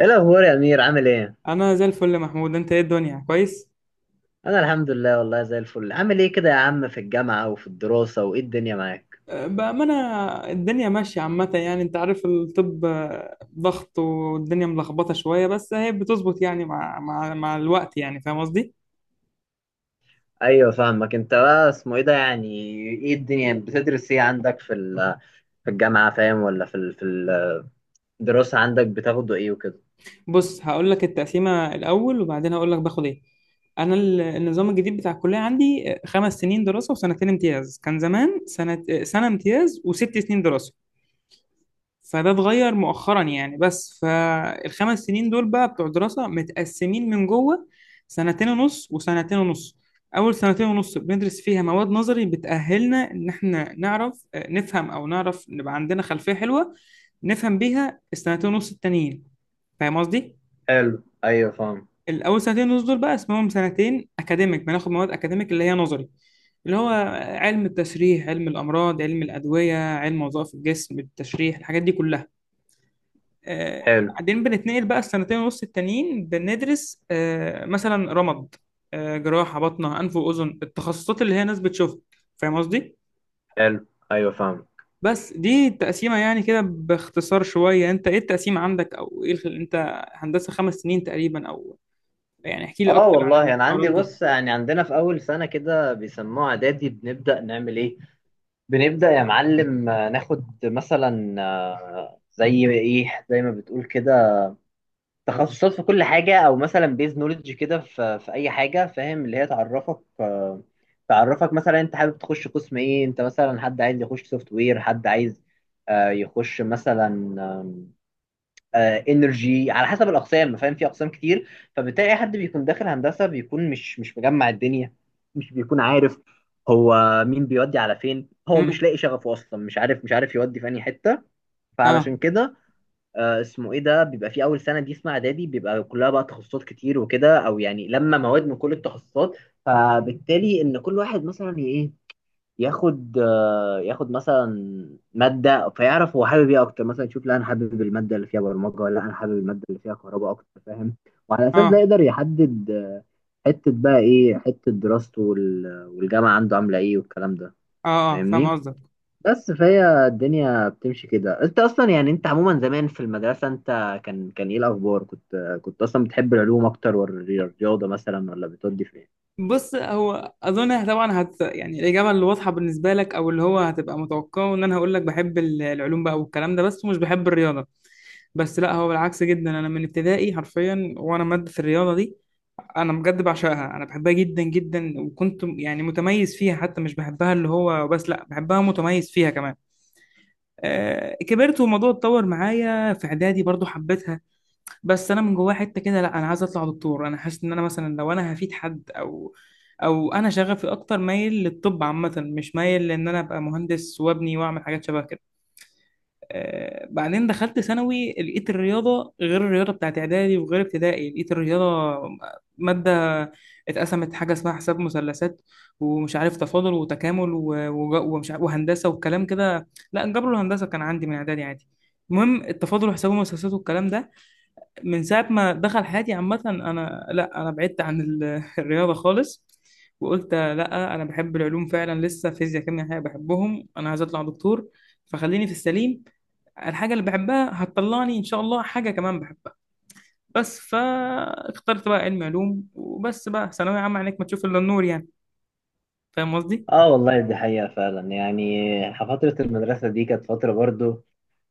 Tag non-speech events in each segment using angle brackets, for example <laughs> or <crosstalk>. ايه الاخبار يا امير؟ عامل ايه؟ انا زي الفل يا محمود. انت ايه الدنيا، كويس؟ انا الحمد لله والله زي الفل. عامل ايه كده يا عم في الجامعه وفي الدراسه؟ وايه الدنيا معاك؟ أه، بامانه. الدنيا ماشيه عامه، يعني انت عارف الطب، ضغط والدنيا ملخبطه شويه، بس هي بتظبط يعني مع الوقت، يعني فاهم قصدي. ايوه فاهمك. انت بقى اسمه ايه ده يعني، ايه الدنيا؟ بتدرس ايه عندك في في الجامعه؟ فاهم؟ ولا في في الدراسه عندك بتاخده ايه وكده؟ بص هقول لك التقسيمه الاول وبعدين هقول لك باخد ايه. انا النظام الجديد بتاع الكليه عندي 5 سنين دراسه و2 سنين امتياز. كان زمان سنه، سنه امتياز و6 سنين دراسه، فده اتغير مؤخرا يعني. بس فالخمس سنين دول بقى بتوع دراسة، متقسمين من جوه سنتين ونص وسنتين ونص. أول سنتين ونص بندرس فيها مواد نظري بتأهلنا إن إحنا نعرف، نفهم أو نعرف نبقى عندنا خلفية حلوة نفهم بيها السنتين ونص التانيين. فاهم قصدي؟ حلو، ايوه فاهم. الأول سنتين ونص دول بقى اسمهم سنتين أكاديميك، بناخد مواد أكاديميك اللي هي نظري، اللي هو علم التشريح، علم الأمراض، علم الأدوية، علم وظائف الجسم، التشريح، الحاجات دي كلها. حلو. بعدين بنتنقل بقى السنتين ونص التانيين بندرس، مثلا رمد، جراحة، بطنة، أنف وأذن، التخصصات اللي هي ناس بتشوفها. فاهم قصدي؟ حلو، ايوه فاهم. بس دي التقسيمة يعني، كده باختصار شوية. أنت إيه التقسيمة عندك، أو إيه أنت هندسة خمس سنين تقريبا، أو يعني احكي لي اه أكتر عن والله انا عندي، الحوارات دي. بص يعني عندنا في اول سنه كده بيسموها اعدادي. بنبدا نعمل ايه؟ بنبدا يا معلم ناخد مثلا، زي ايه، زي ما بتقول كده، تخصصات في كل حاجة، أو مثلا بيز نولج كده في أي حاجة، فاهم؟ اللي هي تعرفك، تعرفك مثلا أنت حابب تخش قسم إيه. أنت مثلا حد عايز يخش سوفت وير، حد عايز يخش مثلا انرجي، على حسب الأقسام. فاهم؟ في أقسام كتير، فبتلاقي أي حد بيكون داخل هندسة بيكون مش مجمع الدنيا، مش بيكون عارف هو مين بيودي على فين. هو مش امم. لاقي شغفه أصلا، مش عارف يودي في أي حتة. آه. فعلشان كده اسمه ايه ده، بيبقى في اول سنه دي اسمها اعدادي، بيبقى كلها بقى تخصصات كتير وكده، او يعني لما مواد من كل التخصصات، فبالتالي ان كل واحد مثلا ايه، ياخد ياخد مثلا ماده، فيعرف هو حابب ايه اكتر. مثلا يشوف، لا انا حابب الماده اللي فيها برمجه، ولا انا حابب الماده اللي فيها كهرباء اكتر. فاهم؟ وعلى اساس ده آه. يقدر يحدد حته بقى ايه، حته دراسته والجامعه عنده عامله ايه والكلام ده. آه. آه فاهم فاهمني؟ قصدك. بس فهي الدنيا بتمشي كده. انت اصلا يعني انت عموما زمان في المدرسه، انت كان ايه الاخبار، كنت اصلا بتحب العلوم اكتر ولا الرياضه مثلا، ولا بتودي في ايه؟ بص، هو اظن طبعا هت يعني الاجابه اللي واضحه بالنسبه لك، او اللي هو هتبقى متوقعه ان انا هقول لك بحب العلوم بقى والكلام ده، بس ومش بحب الرياضه. بس لا، هو بالعكس جدا. انا من ابتدائي حرفيا وانا ماده الرياضه دي انا بجد بعشقها، انا بحبها جدا جدا، وكنت يعني متميز فيها. حتى مش بحبها اللي هو بس، لا بحبها متميز فيها كمان. آه كبرت والموضوع اتطور معايا في اعدادي برضو حبيتها. بس انا من جوايا حته كده، لا انا عايز اطلع دكتور. انا حاسس ان انا مثلا لو انا هفيد حد، او او انا شغفي اكتر مايل للطب عامه، مش مايل لان انا ابقى مهندس وابني واعمل حاجات شبه كده. بعدين دخلت ثانوي، لقيت الرياضة غير الرياضة بتاعت إعدادي وغير ابتدائي. لقيت الرياضة مادة اتقسمت حاجة اسمها حساب مثلثات، ومش عارف تفاضل وتكامل، ومش عارف، وهندسة والكلام كده. لا الجبر والهندسة كان عندي من إعدادي عادي، المهم التفاضل وحساب المثلثات والكلام ده من ساعة ما دخل حياتي عامة، أنا لا أنا بعدت عن <laughs> الرياضة خالص. وقلت لا أنا بحب العلوم فعلا، لسه فيزياء كيمياء حاجة بحبهم، أنا عايز أطلع دكتور فخليني في السليم. الحاجة اللي بحبها هتطلعني إن شاء الله حاجة كمان بحبها. بس فاخترت بقى علم علوم، وبس بقى ثانوية عامة عينك ما تشوف إلا النور يعني. فاهم قصدي؟ اه والله دي حقيقة فعلا يعني. فترة المدرسة دي كانت فترة برضو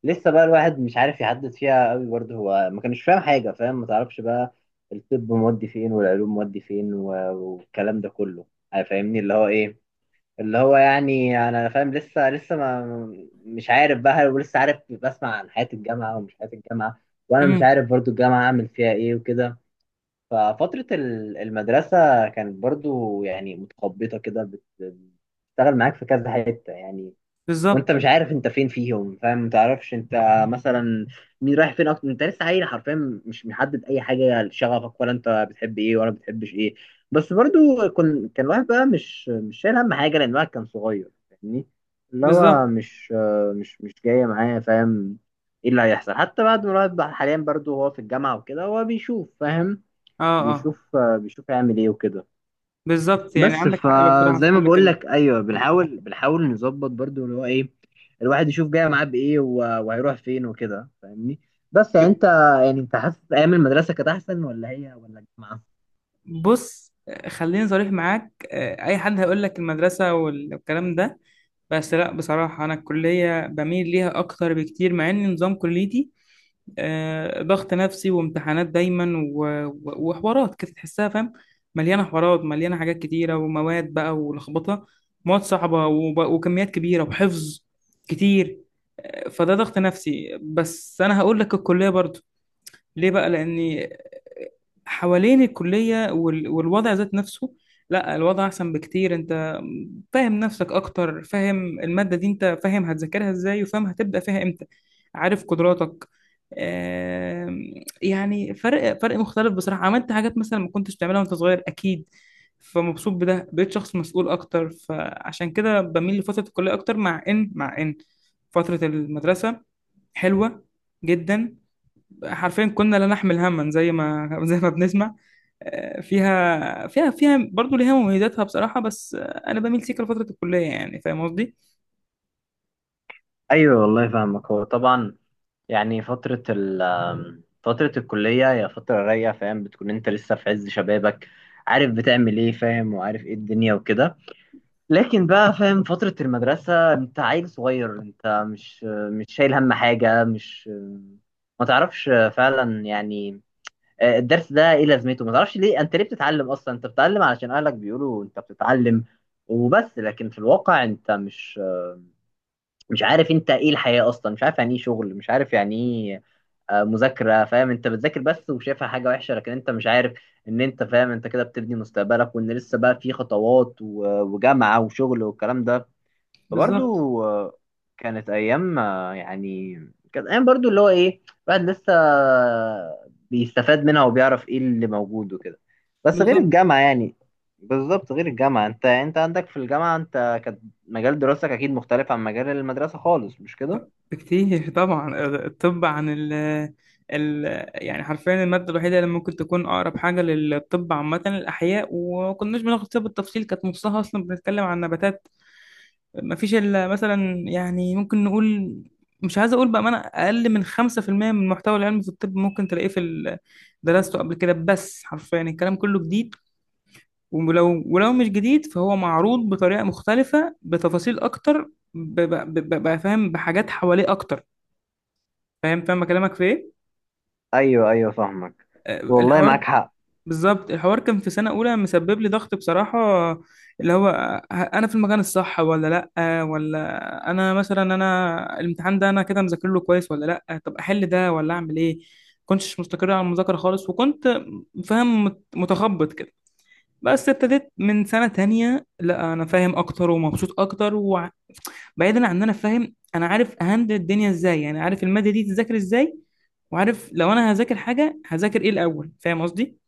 لسه بقى الواحد مش عارف يحدد فيها قوي. برضو هو ما كانش فاهم حاجة، فاهم؟ ما تعرفش بقى الطب مودي فين والعلوم مودي فين والكلام ده كله. فاهمني؟ اللي هو ايه، اللي هو يعني انا فاهم لسه، لسه ما مش عارف بقى ولسه عارف، بسمع عن حياة الجامعة ومش حياة الجامعة، وانا مش امم. عارف برضو الجامعة اعمل فيها ايه وكده. ففترة المدرسة كانت برضو يعني متخبطة كده، بتشتغل معاك في كذا حتة يعني. وانت بالظبط. مش عارف انت فين فيهم. فاهم؟ ما تعرفش انت مثلا مين رايح فين اكتر. انت لسه عيل حرفيا، مش محدد اي حاجه لشغفك، ولا انت بتحب ايه ولا بتحبش ايه. بس برضو كان الواحد بقى مش شايل هم حاجه، لان الواحد كان صغير. فاهمني؟ اللي هو بالظبط. مش جايه معايا. فاهم ايه اللي هيحصل حتى بعد ما الواحد بقى حاليا برضو هو في الجامعه وكده؟ هو بيشوف، فاهم؟ اه اه. بيشوف بيشوف هيعمل ايه وكده. بالظبط، يعني بس عندك حق بصراحة في فزي ما كل بقول كلمة. لك، ايوه بنحاول، نظبط برضو اللي هو ايه، الواحد يشوف جاي معاه بايه وهيروح فين وكده. فاهمني؟ بس يعني انت، يعني انت حاسس ايام المدرسه كانت احسن ولا هي، ولا الجامعه؟ بص، خليني صريح معاك. اي حد هيقول لك المدرسه والكلام ده، بس لا بصراحه انا الكليه بميل ليها اكتر بكتير، مع ان نظام كليتي ضغط نفسي وامتحانات دايما، وحوارات كده تحسها، فاهم، مليانه حوارات، مليانه حاجات كتيره ومواد بقى ولخبطه، مواد صعبه وكميات كبيره وحفظ كتير. فده ضغط نفسي، بس انا هقول لك الكليه برضو. ليه بقى؟ لاني حوالين الكلية والوضع ذات نفسه، لا الوضع أحسن بكتير. أنت فاهم نفسك أكتر، فاهم المادة دي أنت، فاهم هتذاكرها إزاي، وفاهم هتبدأ فيها إمتى، عارف قدراتك. آم، يعني فرق مختلف بصراحة. عملت حاجات مثلا ما كنتش بتعملها وأنت صغير أكيد، فمبسوط بده، بقيت شخص مسؤول أكتر. فعشان كده بميل لفترة الكلية أكتر، مع إن مع إن فترة المدرسة حلوة جدا، حرفيا كنا لا نحمل هما زي ما <laughs> زي ما بنسمع. فيها برضه ليها مميزاتها بصراحة، بس أنا بميل سيكا لفترة الكلية. يعني فاهم قصدي؟ ايوه والله فاهمك. هو طبعا يعني فتره فتره الكليه هي فتره رايقه، فاهم؟ بتكون انت لسه في عز شبابك، عارف بتعمل ايه، فاهم؟ وعارف ايه الدنيا وكده. لكن بقى فاهم، فترة المدرسة انت عيل صغير، انت مش شايل هم حاجة، مش ما تعرفش فعلا يعني. الدرس ده ايه لازمته، ما تعرفش ليه انت ليه بتتعلم اصلا، انت بتتعلم علشان اهلك بيقولوا انت بتتعلم وبس. لكن في الواقع انت مش عارف انت ايه الحياة اصلا، مش عارف يعني ايه شغل، مش عارف يعني ايه مذاكرة. فاهم؟ انت بتذاكر بس وشايفها حاجة وحشة، لكن انت مش عارف ان انت، فاهم، انت كده بتبني مستقبلك، وان لسه بقى في خطوات وجامعة وشغل والكلام ده. بالظبط. فبرضو كانت ايام، يعني كانت ايام برضو اللي هو ايه، الواحد لسه بيستفاد منها وبيعرف ايه اللي موجود وكده. بس غير بالظبط الجامعة يعني. بالظبط، غير الجامعة. انت عندك في الجامعة انت كانت مجال دراستك اكيد مختلف عن مجال المدرسة خالص، مش كده؟ بكتير. <laughs> طبعا الطب عن ال يعني حرفيا المادة الوحيدة اللي ممكن تكون أقرب حاجة للطب عامة الأحياء، وما كناش بناخد فيها بالتفصيل، كانت نصها أصلا بنتكلم عن نباتات. ما فيش إلا مثلا، يعني ممكن نقول، مش عايز أقول، بأمانة أقل من 5% من المحتوى العلمي في الطب ممكن تلاقيه في درسته قبل كده، بس حرفيا الكلام كله جديد. ولو مش جديد فهو معروض بطريقة مختلفة بتفاصيل أكتر، بقى فاهم بحاجات حواليه أكتر. فاهم، فاهم كلامك في إيه؟ ايوه ايوه فاهمك. والله معاك الحوار. حق. بالظبط، الحوار كان في سنة أولى مسبب لي ضغط بصراحة، اللي هو ه- أنا في المكان الصح ولا لأ؟ ولا أنا مثلا أنا الامتحان ده أنا كده مذاكر له كويس ولا لأ؟ طب أحل ده ولا أعمل إيه؟ كنتش مستقر على المذاكرة خالص، وكنت فاهم متخبط كده. بس ابتديت من سنة تانية، لأ أنا فاهم أكتر ومبسوط أكتر. وبعيدا عن إن أنا فاهم، أنا عارف أهندل الدنيا إزاي، يعني عارف المادة دي تذاكر إزاي، وعارف لو أنا هذاكر حاجة هذاكر إيه الأول، فاهم قصدي.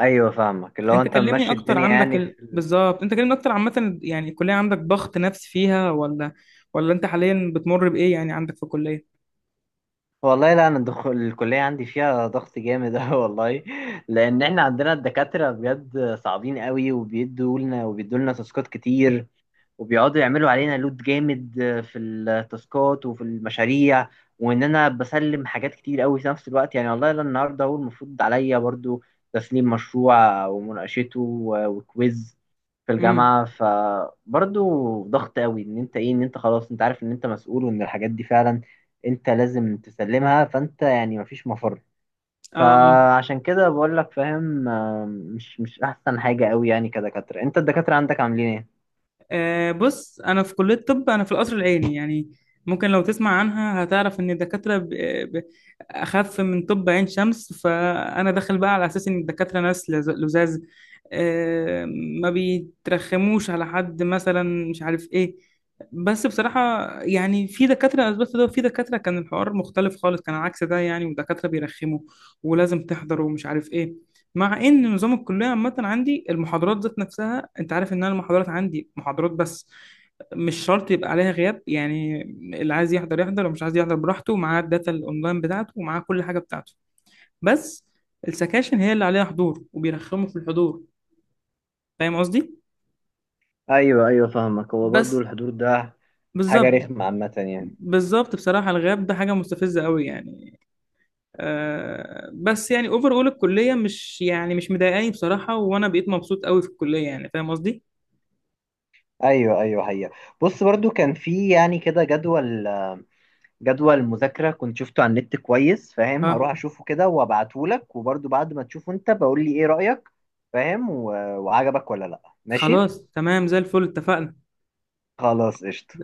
ايوه فاهمك، اللي هو انت انت كلمني ممشي اكتر، الدنيا عندك يعني ال... في، بالظبط، انت كلمني اكتر عامه يعني، الكليه عندك ضغط نفسي فيها، ولا ولا انت حاليا بتمر بايه يعني عندك في الكليه. والله لا انا دخول الكليه عندي فيها ضغط جامد <laughs> أوي والله. لان احنا عندنا الدكاتره بجد صعبين قوي، وبيدوا لنا تاسكات كتير، وبيقعدوا يعملوا علينا لود جامد في التاسكات وفي المشاريع. وان انا بسلم حاجات كتير قوي في نفس الوقت يعني. والله لا النهارده هو المفروض عليا برضو تسليم مشروع ومناقشته وكويز في امم. الجامعه. فبرضو ضغط قوي ان انت ايه، ان انت خلاص انت عارف ان انت مسؤول وان الحاجات دي فعلا انت لازم تسلمها، فانت يعني مفيش مفر. اه. آه. فعشان كده بقول لك، فاهم، مش احسن حاجه قوي يعني. كدكاتره انت الدكاتره عندك عاملين ايه؟ بص انا في كليه طب، انا في القصر العيني يعني، ممكن لو تسمع عنها هتعرف ان الدكاتره ب- اخف من طب عين شمس. فانا داخل بقى على اساس ان الدكاتره ناس لزاز، آه، ما بيترخموش على حد مثلا، مش عارف ايه. بس بصراحه يعني في دكاتره اثبتت ده، وفي دكاتره كان الحوار مختلف خالص، كان عكس ده يعني، ودكاتره بيرخموا ولازم تحضر ومش عارف ايه. مع ان نظام الكليه عامه عندي المحاضرات ذات نفسها، انت عارف ان انا المحاضرات عندي محاضرات بس، مش شرط يبقى عليها غياب يعني، اللي عايز يحضر يحضر ومش عايز يحضر براحته، ومعاه الداتا الاونلاين بتاعته ومعاه كل حاجه بتاعته. بس السكاشن هي اللي عليها حضور، وبيرخموا في الحضور، فاهم قصدي؟ ايوه ايوه فاهمك. هو برضو بس، الحضور ده حاجه بالظبط. رخمه عامه يعني. بالظبط بصراحه الغياب ده حاجه مستفزه قوي يعني. آه بس يعني اوفر اول الكليه، مش يعني مش مضايقاني بصراحه، وانا بقيت مبسوط قوي في الكليه، يعني فاهم قصدي. ايوه ايوه. هي بص برضو كان في يعني كده جدول، مذاكره كنت شفته على النت كويس. فاهم؟ اه. هروح اشوفه كده وابعته لك، وبرضو بعد ما تشوفه انت بقول لي ايه رايك. فاهم؟ وعجبك ولا لا، ماشي. خلاص تمام، زي الفل، اتفقنا. خلاص، قشطه.